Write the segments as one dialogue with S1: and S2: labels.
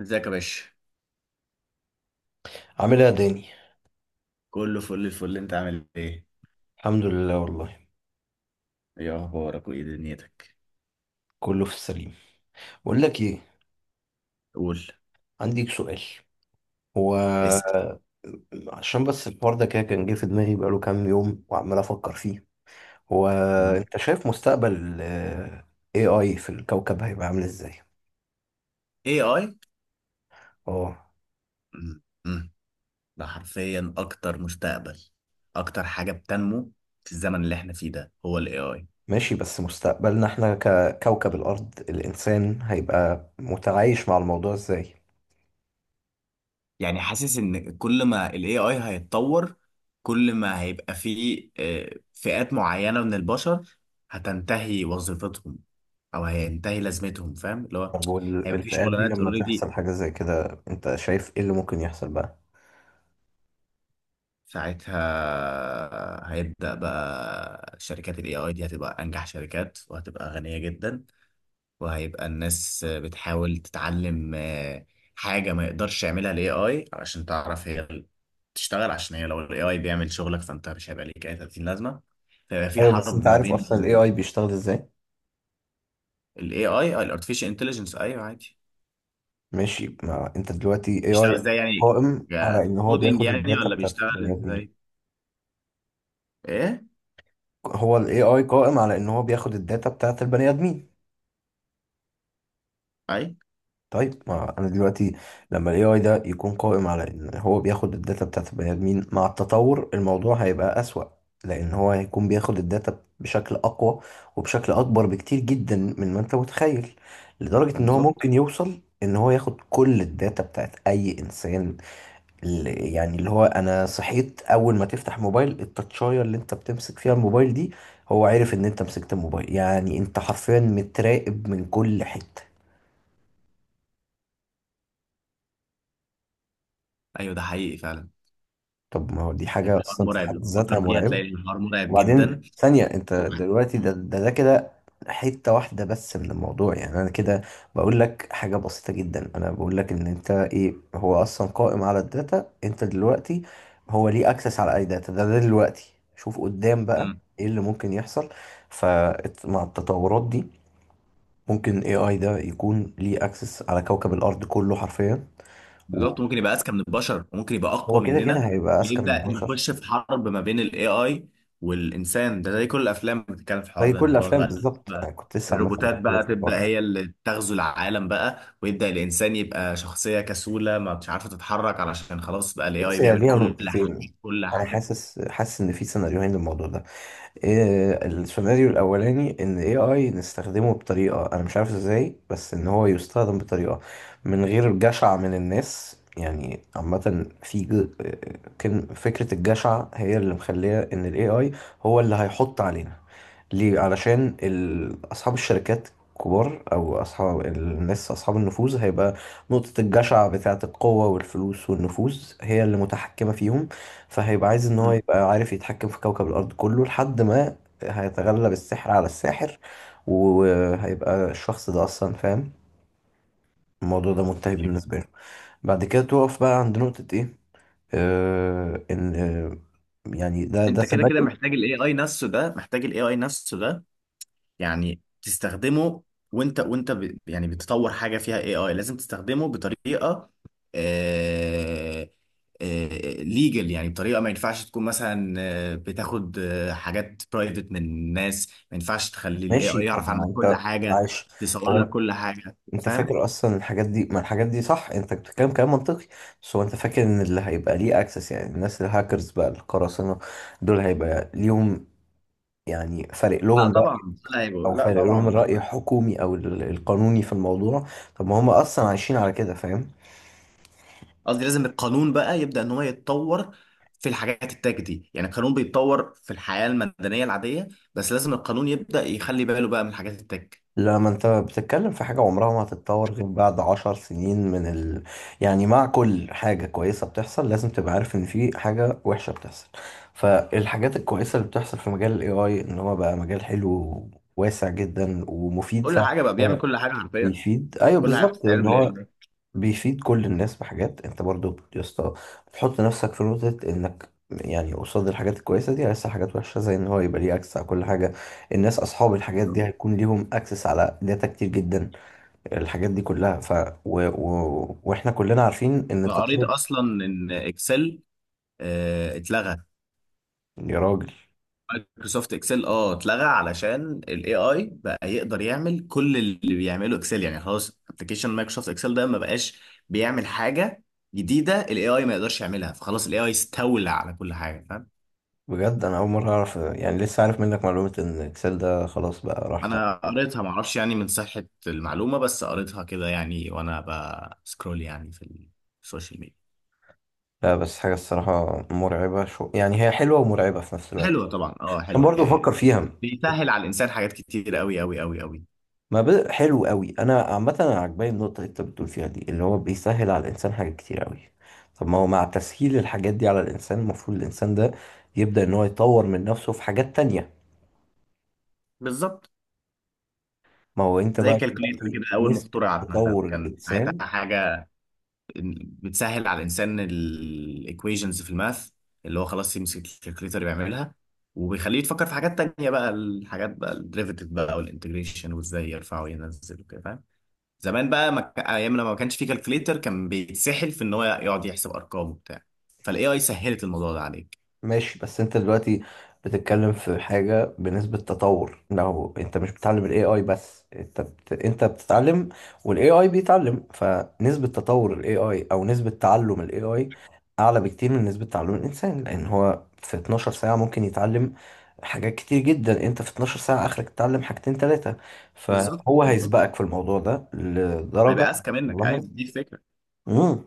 S1: ازيك يا باشا؟
S2: عامل ايه يا داني؟
S1: كله فل الفل، انت عامل ايه؟
S2: الحمد لله والله،
S1: ايه اخبارك وايه دنيتك؟
S2: كله في السليم. بقول لك ايه؟
S1: قول،
S2: عندي سؤال. هو
S1: اسال.
S2: عشان بس الحوار ده كده كان جه في دماغي بقاله كام يوم وعمال افكر فيه. هو
S1: مم.
S2: انت شايف مستقبل ال AI في الكوكب هيبقى عامل ازاي؟
S1: اي اي.
S2: اه.
S1: مم. مم. ده حرفيا اكتر مستقبل، اكتر حاجه بتنمو في الزمن اللي احنا فيه ده هو الاي اي.
S2: ماشي، بس مستقبلنا احنا ككوكب الارض الانسان هيبقى متعايش مع الموضوع ازاي؟
S1: يعني حاسس ان كل ما الاي اي هيتطور، كل ما هيبقى فيه فئات معينه من البشر هتنتهي وظيفتهم او هينتهي لازمتهم، فاهم اللي هو
S2: طب
S1: هيبقى في
S2: والالتقاءات دي
S1: شغلانات
S2: لما
S1: اوريدي.
S2: تحصل حاجة زي كده انت شايف ايه اللي ممكن يحصل بقى؟
S1: ساعتها هيبدأ بقى شركات ال AI دي هتبقى أنجح شركات وهتبقى غنية جدا، وهيبقى الناس بتحاول تتعلم حاجة ما يقدرش يعملها ال AI علشان تعرف هي تشتغل. عشان هي لو ال AI بيعمل شغلك فأنت مش هيبقى ليك أي 30 لازمة. فيبقى في
S2: ايوه، بس
S1: حرب
S2: انت
S1: ما
S2: عارف اصلا ال
S1: بين
S2: AI بيشتغل ازاي؟
S1: ال AI. ال Artificial Intelligence، أيوه عادي.
S2: ماشي. ما انت دلوقتي اي
S1: بيشتغل
S2: اي
S1: إزاي يعني؟
S2: قائم على ان هو
S1: كودينج
S2: بياخد
S1: يعني
S2: الداتا
S1: ولا
S2: بتاعت
S1: بيشتغل
S2: البني ادمين.
S1: إزاي؟ إيه؟
S2: هو الاي اي قائم على ان هو بياخد الداتا بتاعت البني ادمين.
S1: أي.
S2: طيب ما انا دلوقتي، لما الاي اي ده يكون قائم على ان هو بياخد الداتا بتاعت البني ادمين مع التطور الموضوع هيبقى اسوأ. لان هو هيكون بياخد الداتا بشكل اقوى وبشكل اكبر بكتير جدا من ما انت متخيل. لدرجة ان هو
S1: بالظبط.
S2: ممكن يوصل ان هو ياخد كل الداتا بتاعت اي انسان. ال- يعني اللي هو انا صحيت اول ما تفتح موبايل، التاتشاية اللي انت بتمسك فيها الموبايل دي هو عارف ان انت مسكت الموبايل، يعني انت حرفيا متراقب من كل حتة.
S1: أيوه ده حقيقي فعلا.
S2: طب ما هو دي حاجة
S1: الحوار
S2: اصلا في
S1: مرعب،
S2: حد
S1: لو
S2: ذاتها
S1: تفكر فيها
S2: مرعبة.
S1: تلاقي الحوار مرعب جدا.
S2: وبعدين ثانية انت دلوقتي ده كده، حتة واحدة بس من الموضوع، يعني انا كده بقول لك حاجة بسيطة جدا. انا بقول لك ان انت ايه هو اصلا قائم على الداتا انت دلوقتي. هو ليه اكسس على اي داتا؟ ده دلوقتي شوف قدام بقى
S1: مم.
S2: ايه اللي ممكن يحصل. فمع التطورات دي ممكن اي اي ده يكون ليه اكسس على كوكب الارض كله حرفيا. وهو
S1: بالظبط، ممكن يبقى اذكى من البشر وممكن يبقى اقوى
S2: كده كده
S1: مننا.
S2: هيبقى اذكى من
S1: ويبدا
S2: البشر.
S1: يخش في حرب ما بين الاي اي والانسان، ده زي كل الافلام بتتكلم في الحوار
S2: زي
S1: ده
S2: كل
S1: ان خلاص
S2: الافلام
S1: بقى.
S2: بالظبط،
S1: بقى
S2: انا كنت لسه عامة
S1: الروبوتات
S2: بتكلم
S1: بقى
S2: في الحوار
S1: تبدا
S2: ده.
S1: هي اللي تغزو العالم بقى، ويبدا الانسان يبقى شخصيه كسوله ما مش عارفه تتحرك، علشان خلاص بقى الاي
S2: بص،
S1: اي
S2: هي
S1: بيعمل
S2: ليها
S1: كل حاجه.
S2: نقطتين.
S1: كل
S2: انا
S1: حاجه.
S2: حاسس ان في سيناريوهين للموضوع ده. إيه السيناريو الاولاني؟ ان اي اي نستخدمه بطريقه انا مش عارف ازاي، بس ان هو يستخدم بطريقه من غير جشع من الناس، يعني عامه في كان فكره الجشع هي اللي مخليه ان الاي اي هو اللي هيحط علينا. ليه؟ علشان اصحاب الشركات كبار او اصحاب الناس اصحاب النفوذ، هيبقى نقطة الجشع بتاعة القوة والفلوس والنفوذ هي اللي متحكمة فيهم. فهيبقى عايز ان هو
S1: مم.
S2: يبقى عارف يتحكم في كوكب الارض كله لحد ما هيتغلب السحر على الساحر. وهيبقى الشخص ده اصلا فاهم الموضوع ده منتهي بالنسبه له. بعد كده توقف بقى عند نقطه ايه؟ آه ان آه يعني ده
S1: انت كده كده
S2: سمعته.
S1: محتاج الاي اي نفسه ده، يعني تستخدمه. وانت ب... يعني بتطور حاجه فيها اي اي لازم تستخدمه بطريقه آه... ليجل، يعني بطريقه ما ينفعش تكون مثلا بتاخد حاجات برايفت من الناس. ما ينفعش تخلي الاي
S2: ماشي.
S1: اي
S2: طب
S1: يعرف
S2: ما هو
S1: عنك كل
S2: انت
S1: حاجه،
S2: معلش.
S1: تصور
S2: هو
S1: لك
S2: انت
S1: كل حاجه،
S2: انت
S1: فاهم.
S2: فاكر اصلا الحاجات دي. ما الحاجات دي صح، انت بتتكلم كلام منطقي. بس هو انت فاكر ان اللي هيبقى ليه اكسس، يعني الناس الهاكرز بقى، القراصنه دول هيبقى ليهم يعني فارق
S1: لا
S2: لهم بقى؟
S1: طبعا،
S2: او
S1: لا
S2: فارق لهم
S1: طبعا.
S2: الرأي الحكومي او القانوني في الموضوع؟ طب ما هم اصلا عايشين على كده فاهم.
S1: قصدي لازم القانون بقى يبدأ ان هو يتطور في الحاجات التاج دي. يعني القانون بيتطور في الحياة المدنية العادية، بس لازم القانون يبدأ يخلي باله بقى من الحاجات التاج.
S2: لما انت بتتكلم في حاجة عمرها ما هتتطور غير بعد عشر سنين يعني مع كل حاجة كويسة بتحصل لازم تبقى عارف ان في حاجة وحشة بتحصل. فالحاجات الكويسة اللي بتحصل في مجال الاي اي ان هو بقى مجال حلو واسع جدا ومفيد
S1: كل
S2: فعلا.
S1: حاجة بقى، بيعمل
S2: هو
S1: كل حاجة حرفيا،
S2: بيفيد. ايوه،
S1: كل حاجة
S2: بالظبط،
S1: بتتعمل
S2: ان
S1: بالاي
S2: هو
S1: اي.
S2: بيفيد كل الناس بحاجات. انت برضو يا اسطى، بتحط نفسك في نقطة انك يعني قصاد الحاجات الكويسة دي لسه حاجات وحشة، زي ان هو يبقى ليه اكسس على كل حاجة. الناس اصحاب الحاجات دي هيكون ليهم اكسس على داتا كتير جدا، الحاجات دي كلها. واحنا كلنا عارفين ان
S1: انا قريت
S2: التطور.
S1: اصلا ان اكسل اتلغى.
S2: يا راجل.
S1: مايكروسوفت اكسل اه اتلغى، علشان الاي اي بقى يقدر يعمل كل اللي بيعمله اكسل. يعني خلاص ابلكيشن مايكروسوفت اكسل ده ما بقاش بيعمل حاجة جديدة الاي اي ما يقدرش يعملها، فخلاص الاي اي استولى على كل حاجة، فاهم.
S2: بجد انا اول مرة اعرف، يعني لسه عارف منك معلومة ان اكسل ده خلاص بقى راح
S1: انا
S2: تقريبا.
S1: قريتها، معرفش يعني من صحة المعلومة، بس قريتها كده يعني وانا بسكرول يعني في السوشيال ميديا.
S2: لا، بس حاجة الصراحة مرعبة. شو يعني، هي حلوة ومرعبة في نفس الوقت.
S1: حلوة طبعا، اه
S2: عشان
S1: حلوة
S2: برضو
S1: يعني،
S2: بفكر فيها.
S1: بيسهل على الانسان حاجات كتير قوي قوي قوي قوي.
S2: ما بد... حلو قوي. انا عامه انا عجباني النقطه اللي انت بتقول فيها دي، اللي هو بيسهل على الانسان حاجات كتير قوي. طب ما هو مع تسهيل الحاجات دي على الانسان المفروض الانسان ده يبدا ان هو يطور من نفسه في حاجات تانية.
S1: بالظبط.
S2: ما هو انت
S1: زي
S2: بقى
S1: كالكوليتر
S2: دلوقتي
S1: كده، اول ما
S2: نسبه
S1: اخترعت مثلا
S2: تطور
S1: كان ساعتها
S2: الانسان.
S1: حاجة بتسهل على الانسان الايكويشنز في الماث. اللي هو خلاص يمسك الكالكوليتر بيعملها، وبيخليه يتفكر في حاجات تانية بقى، الحاجات بقى الديريفيتيف بقى والانتجريشن وازاي يرفع وينزل وكده، فاهم. زمان بقى ما ك- ايام لما ما كانش في كالكوليتر كان بيتسحل في ان هو يقعد يحسب ارقام وبتاع. فالاي اي سهلت الموضوع ده عليك.
S2: ماشي، بس انت دلوقتي بتتكلم في حاجة بنسبة تطور. لو انت مش بتتعلم ال AI بس انت انت بتتعلم وال AI بيتعلم، فنسبة تطور ال AI او نسبة تعلم ال AI اعلى بكتير من نسبة تعلم الانسان. لان هو في 12 ساعة ممكن يتعلم حاجات كتير جدا، انت في 12 ساعة اخرك تتعلم حاجتين تلاتة.
S1: بالظبط
S2: فهو
S1: بالظبط،
S2: هيسبقك في الموضوع ده لدرجة.
S1: هيبقى اذكى منك، عايز
S2: والله.
S1: دي الفكره.
S2: مم.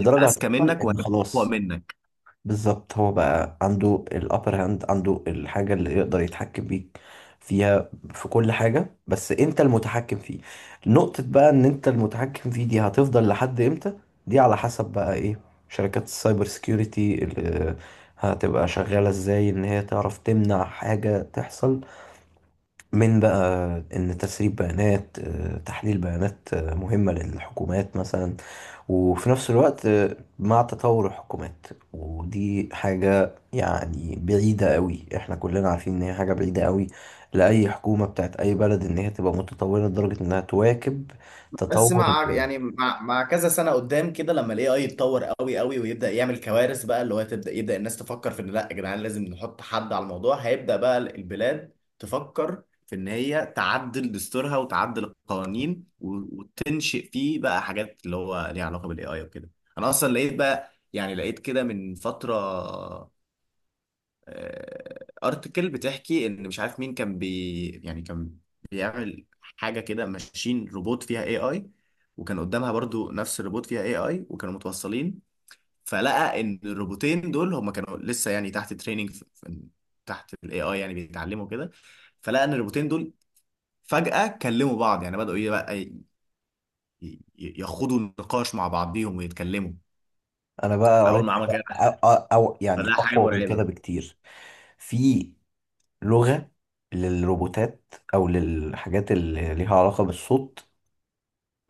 S1: هيبقى اذكى
S2: هتوصل
S1: منك
S2: ان
S1: وهيبقى اقوى
S2: خلاص.
S1: منك.
S2: بالظبط، هو بقى عنده الابر هاند، عنده الحاجة اللي يقدر يتحكم بيك فيها في كل حاجة، بس انت المتحكم فيه. نقطة بقى ان انت المتحكم فيه دي هتفضل لحد امتى؟ دي على حسب بقى ايه؟ شركات السايبر سيكيورتي اللي هتبقى شغالة ازاي ان هي تعرف تمنع حاجة تحصل، من بقى ان تسريب بيانات تحليل بيانات مهمة للحكومات مثلا. وفي نفس الوقت مع تطور الحكومات. ودي حاجة يعني بعيدة قوي، احنا كلنا عارفين ان هي حاجة بعيدة قوي لأي حكومة بتاعت أي بلد ان هي تبقى متطورة لدرجة انها تواكب
S1: بس
S2: تطور.
S1: مع يعني مع كذا سنه قدام كده، لما الاي اي يتطور قوي قوي ويبدا يعمل كوارث بقى، اللي هو يبدا الناس تفكر في ان لا يا جدعان لازم نحط حد على الموضوع. هيبدا بقى البلاد تفكر في ان هي تعدل دستورها وتعدل القوانين وتنشئ فيه بقى حاجات اللي هو ليها علاقه بالاي اي وكده. انا اصلا لقيت بقى، يعني لقيت كده من فتره ارتكل بتحكي ان مش عارف مين كان بي، يعني كان بيعمل حاجه كده، ماشين روبوت فيها اي اي وكان قدامها برضو نفس الروبوت فيها اي اي، وكانوا متوصلين. فلقى ان الروبوتين دول هم كانوا لسه يعني تحت تريننج، تحت الاي اي يعني بيتعلموا كده. فلقى ان الروبوتين دول فجأة كلموا بعض، يعني بدأوا ايه بقى يخوضوا نقاش مع بعضيهم ويتكلموا.
S2: انا بقى
S1: فأول
S2: قريت
S1: ما عمل كده،
S2: حاجة، أو يعني
S1: فده حاجة
S2: أقوى من
S1: مرعبة
S2: كده
S1: بقى.
S2: بكتير. في لغة للروبوتات أو للحاجات اللي ليها علاقة بالصوت.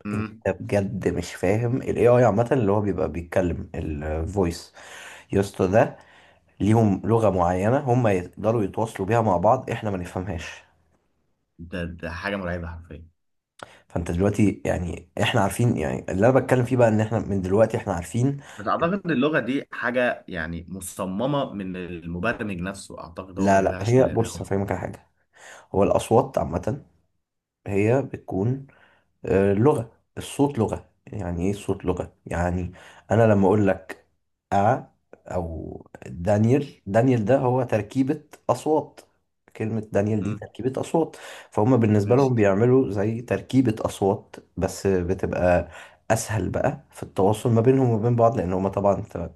S1: مم.
S2: انت بجد مش فاهم ال AI عامة اللي هو بيبقى بيتكلم الفويس يا اسطى ده، ليهم لغة معينة هم يقدروا يتواصلوا بيها مع بعض احنا ما نفهمهاش.
S1: ده حاجة مرعبة حرفيا.
S2: فانت دلوقتي يعني احنا عارفين، يعني اللي انا بتكلم فيه بقى ان احنا من دلوقتي احنا عارفين.
S1: بس اعتقد اللغه دي حاجه يعني مصممه من المبرمج نفسه، اعتقد هو ما
S2: لا لا،
S1: جابهاش
S2: هي
S1: من
S2: بص
S1: الهوا.
S2: هفهمك على حاجة. هو الأصوات عامة هي بتكون لغة. الصوت لغة، يعني ايه الصوت لغة يعني؟ انا لما اقول لك ا او دانيال، دانيال ده هو تركيبة اصوات. كلمة دانيال دي
S1: امم،
S2: تركيبة اصوات. فهم بالنسبة
S1: ماشي،
S2: لهم بيعملوا زي تركيبة اصوات بس بتبقى اسهل بقى في التواصل ما بينهم وبين بعض، لان هم طبعا انت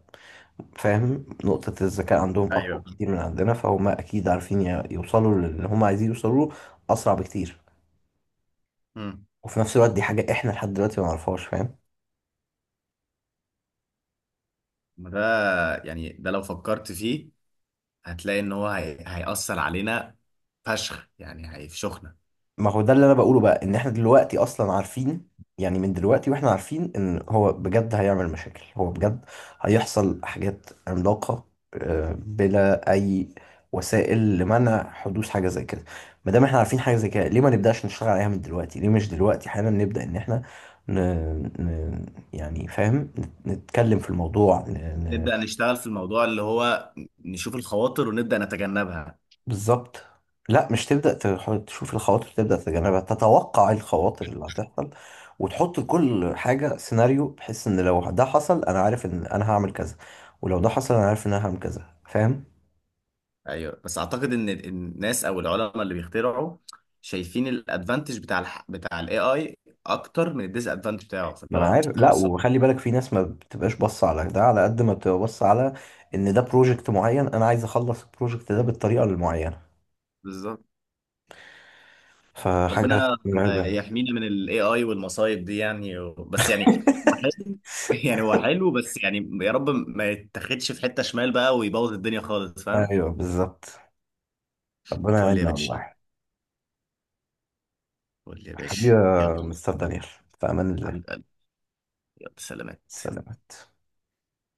S2: فاهم نقطة الذكاء عندهم اقوى
S1: ايوه،
S2: بكتير من عندنا. فهم اكيد عارفين يوصلوا للي هم عايزين يوصلوا له اسرع بكتير.
S1: امم.
S2: وفي نفس الوقت دي حاجة احنا لحد دلوقتي ما نعرفهاش فاهم.
S1: ده يعني ده لو فكرت فيه هتلاقي ان هو هيأثر علينا فشخ، يعني هيفشخنا.
S2: ما هو ده اللي انا بقوله بقى، ان احنا دلوقتي اصلا عارفين، يعني من دلوقتي واحنا عارفين ان هو بجد هيعمل مشاكل، هو بجد هيحصل حاجات عملاقة بلا اي وسائل لمنع حدوث حاجة زي كده. ما دام احنا عارفين حاجة زي كده ليه ما نبدأش نشتغل عليها من دلوقتي؟ ليه مش دلوقتي حالا نبدأ ان احنا ن... ن... يعني فاهم نتكلم في الموضوع.
S1: نبدأ نشتغل في الموضوع، اللي هو نشوف الخواطر ونبدأ نتجنبها.
S2: بالظبط. لا، مش تبدأ تشوف الخواطر تبدأ تتجنبها. تتوقع إيه الخواطر اللي هتحصل وتحط لكل حاجة سيناريو، بحيث ان لو ده حصل انا عارف ان انا هعمل كذا، ولو ده حصل انا عارف ان انا هعمل كذا فاهم.
S1: ايوه، بس اعتقد ان الناس او العلماء اللي بيخترعوا شايفين الادفانتج بتاع بتاع الاي اي اكتر من الديس ادفانتج بتاعه،
S2: ما
S1: فاللي
S2: انا
S1: هو
S2: عارف. لا،
S1: خلصان.
S2: وخلي بالك في ناس ما بتبقاش باصة على ده على قد ما بتبقى باصة على ان ده بروجكت معين انا عايز اخلص البروجكت ده بالطريقة المعينة.
S1: بالظبط.
S2: فحاجة
S1: ربنا
S2: مرعبة.
S1: يحمينا من الاي اي والمصايب دي يعني، بس يعني هو حلو. يعني هو حلو بس، يعني يا رب ما يتاخدش في حتة شمال بقى ويبوظ الدنيا خالص، فاهم.
S2: ايوه بالظبط. ربنا
S1: فل يا
S2: يعيننا
S1: باشا،
S2: والله.
S1: فل يا
S2: حبيبي
S1: باشا،
S2: يا
S1: يلا.
S2: مستر دانيال، في امان الله.
S1: حبيب قلبي، يلا، سلامات.
S2: سلامات.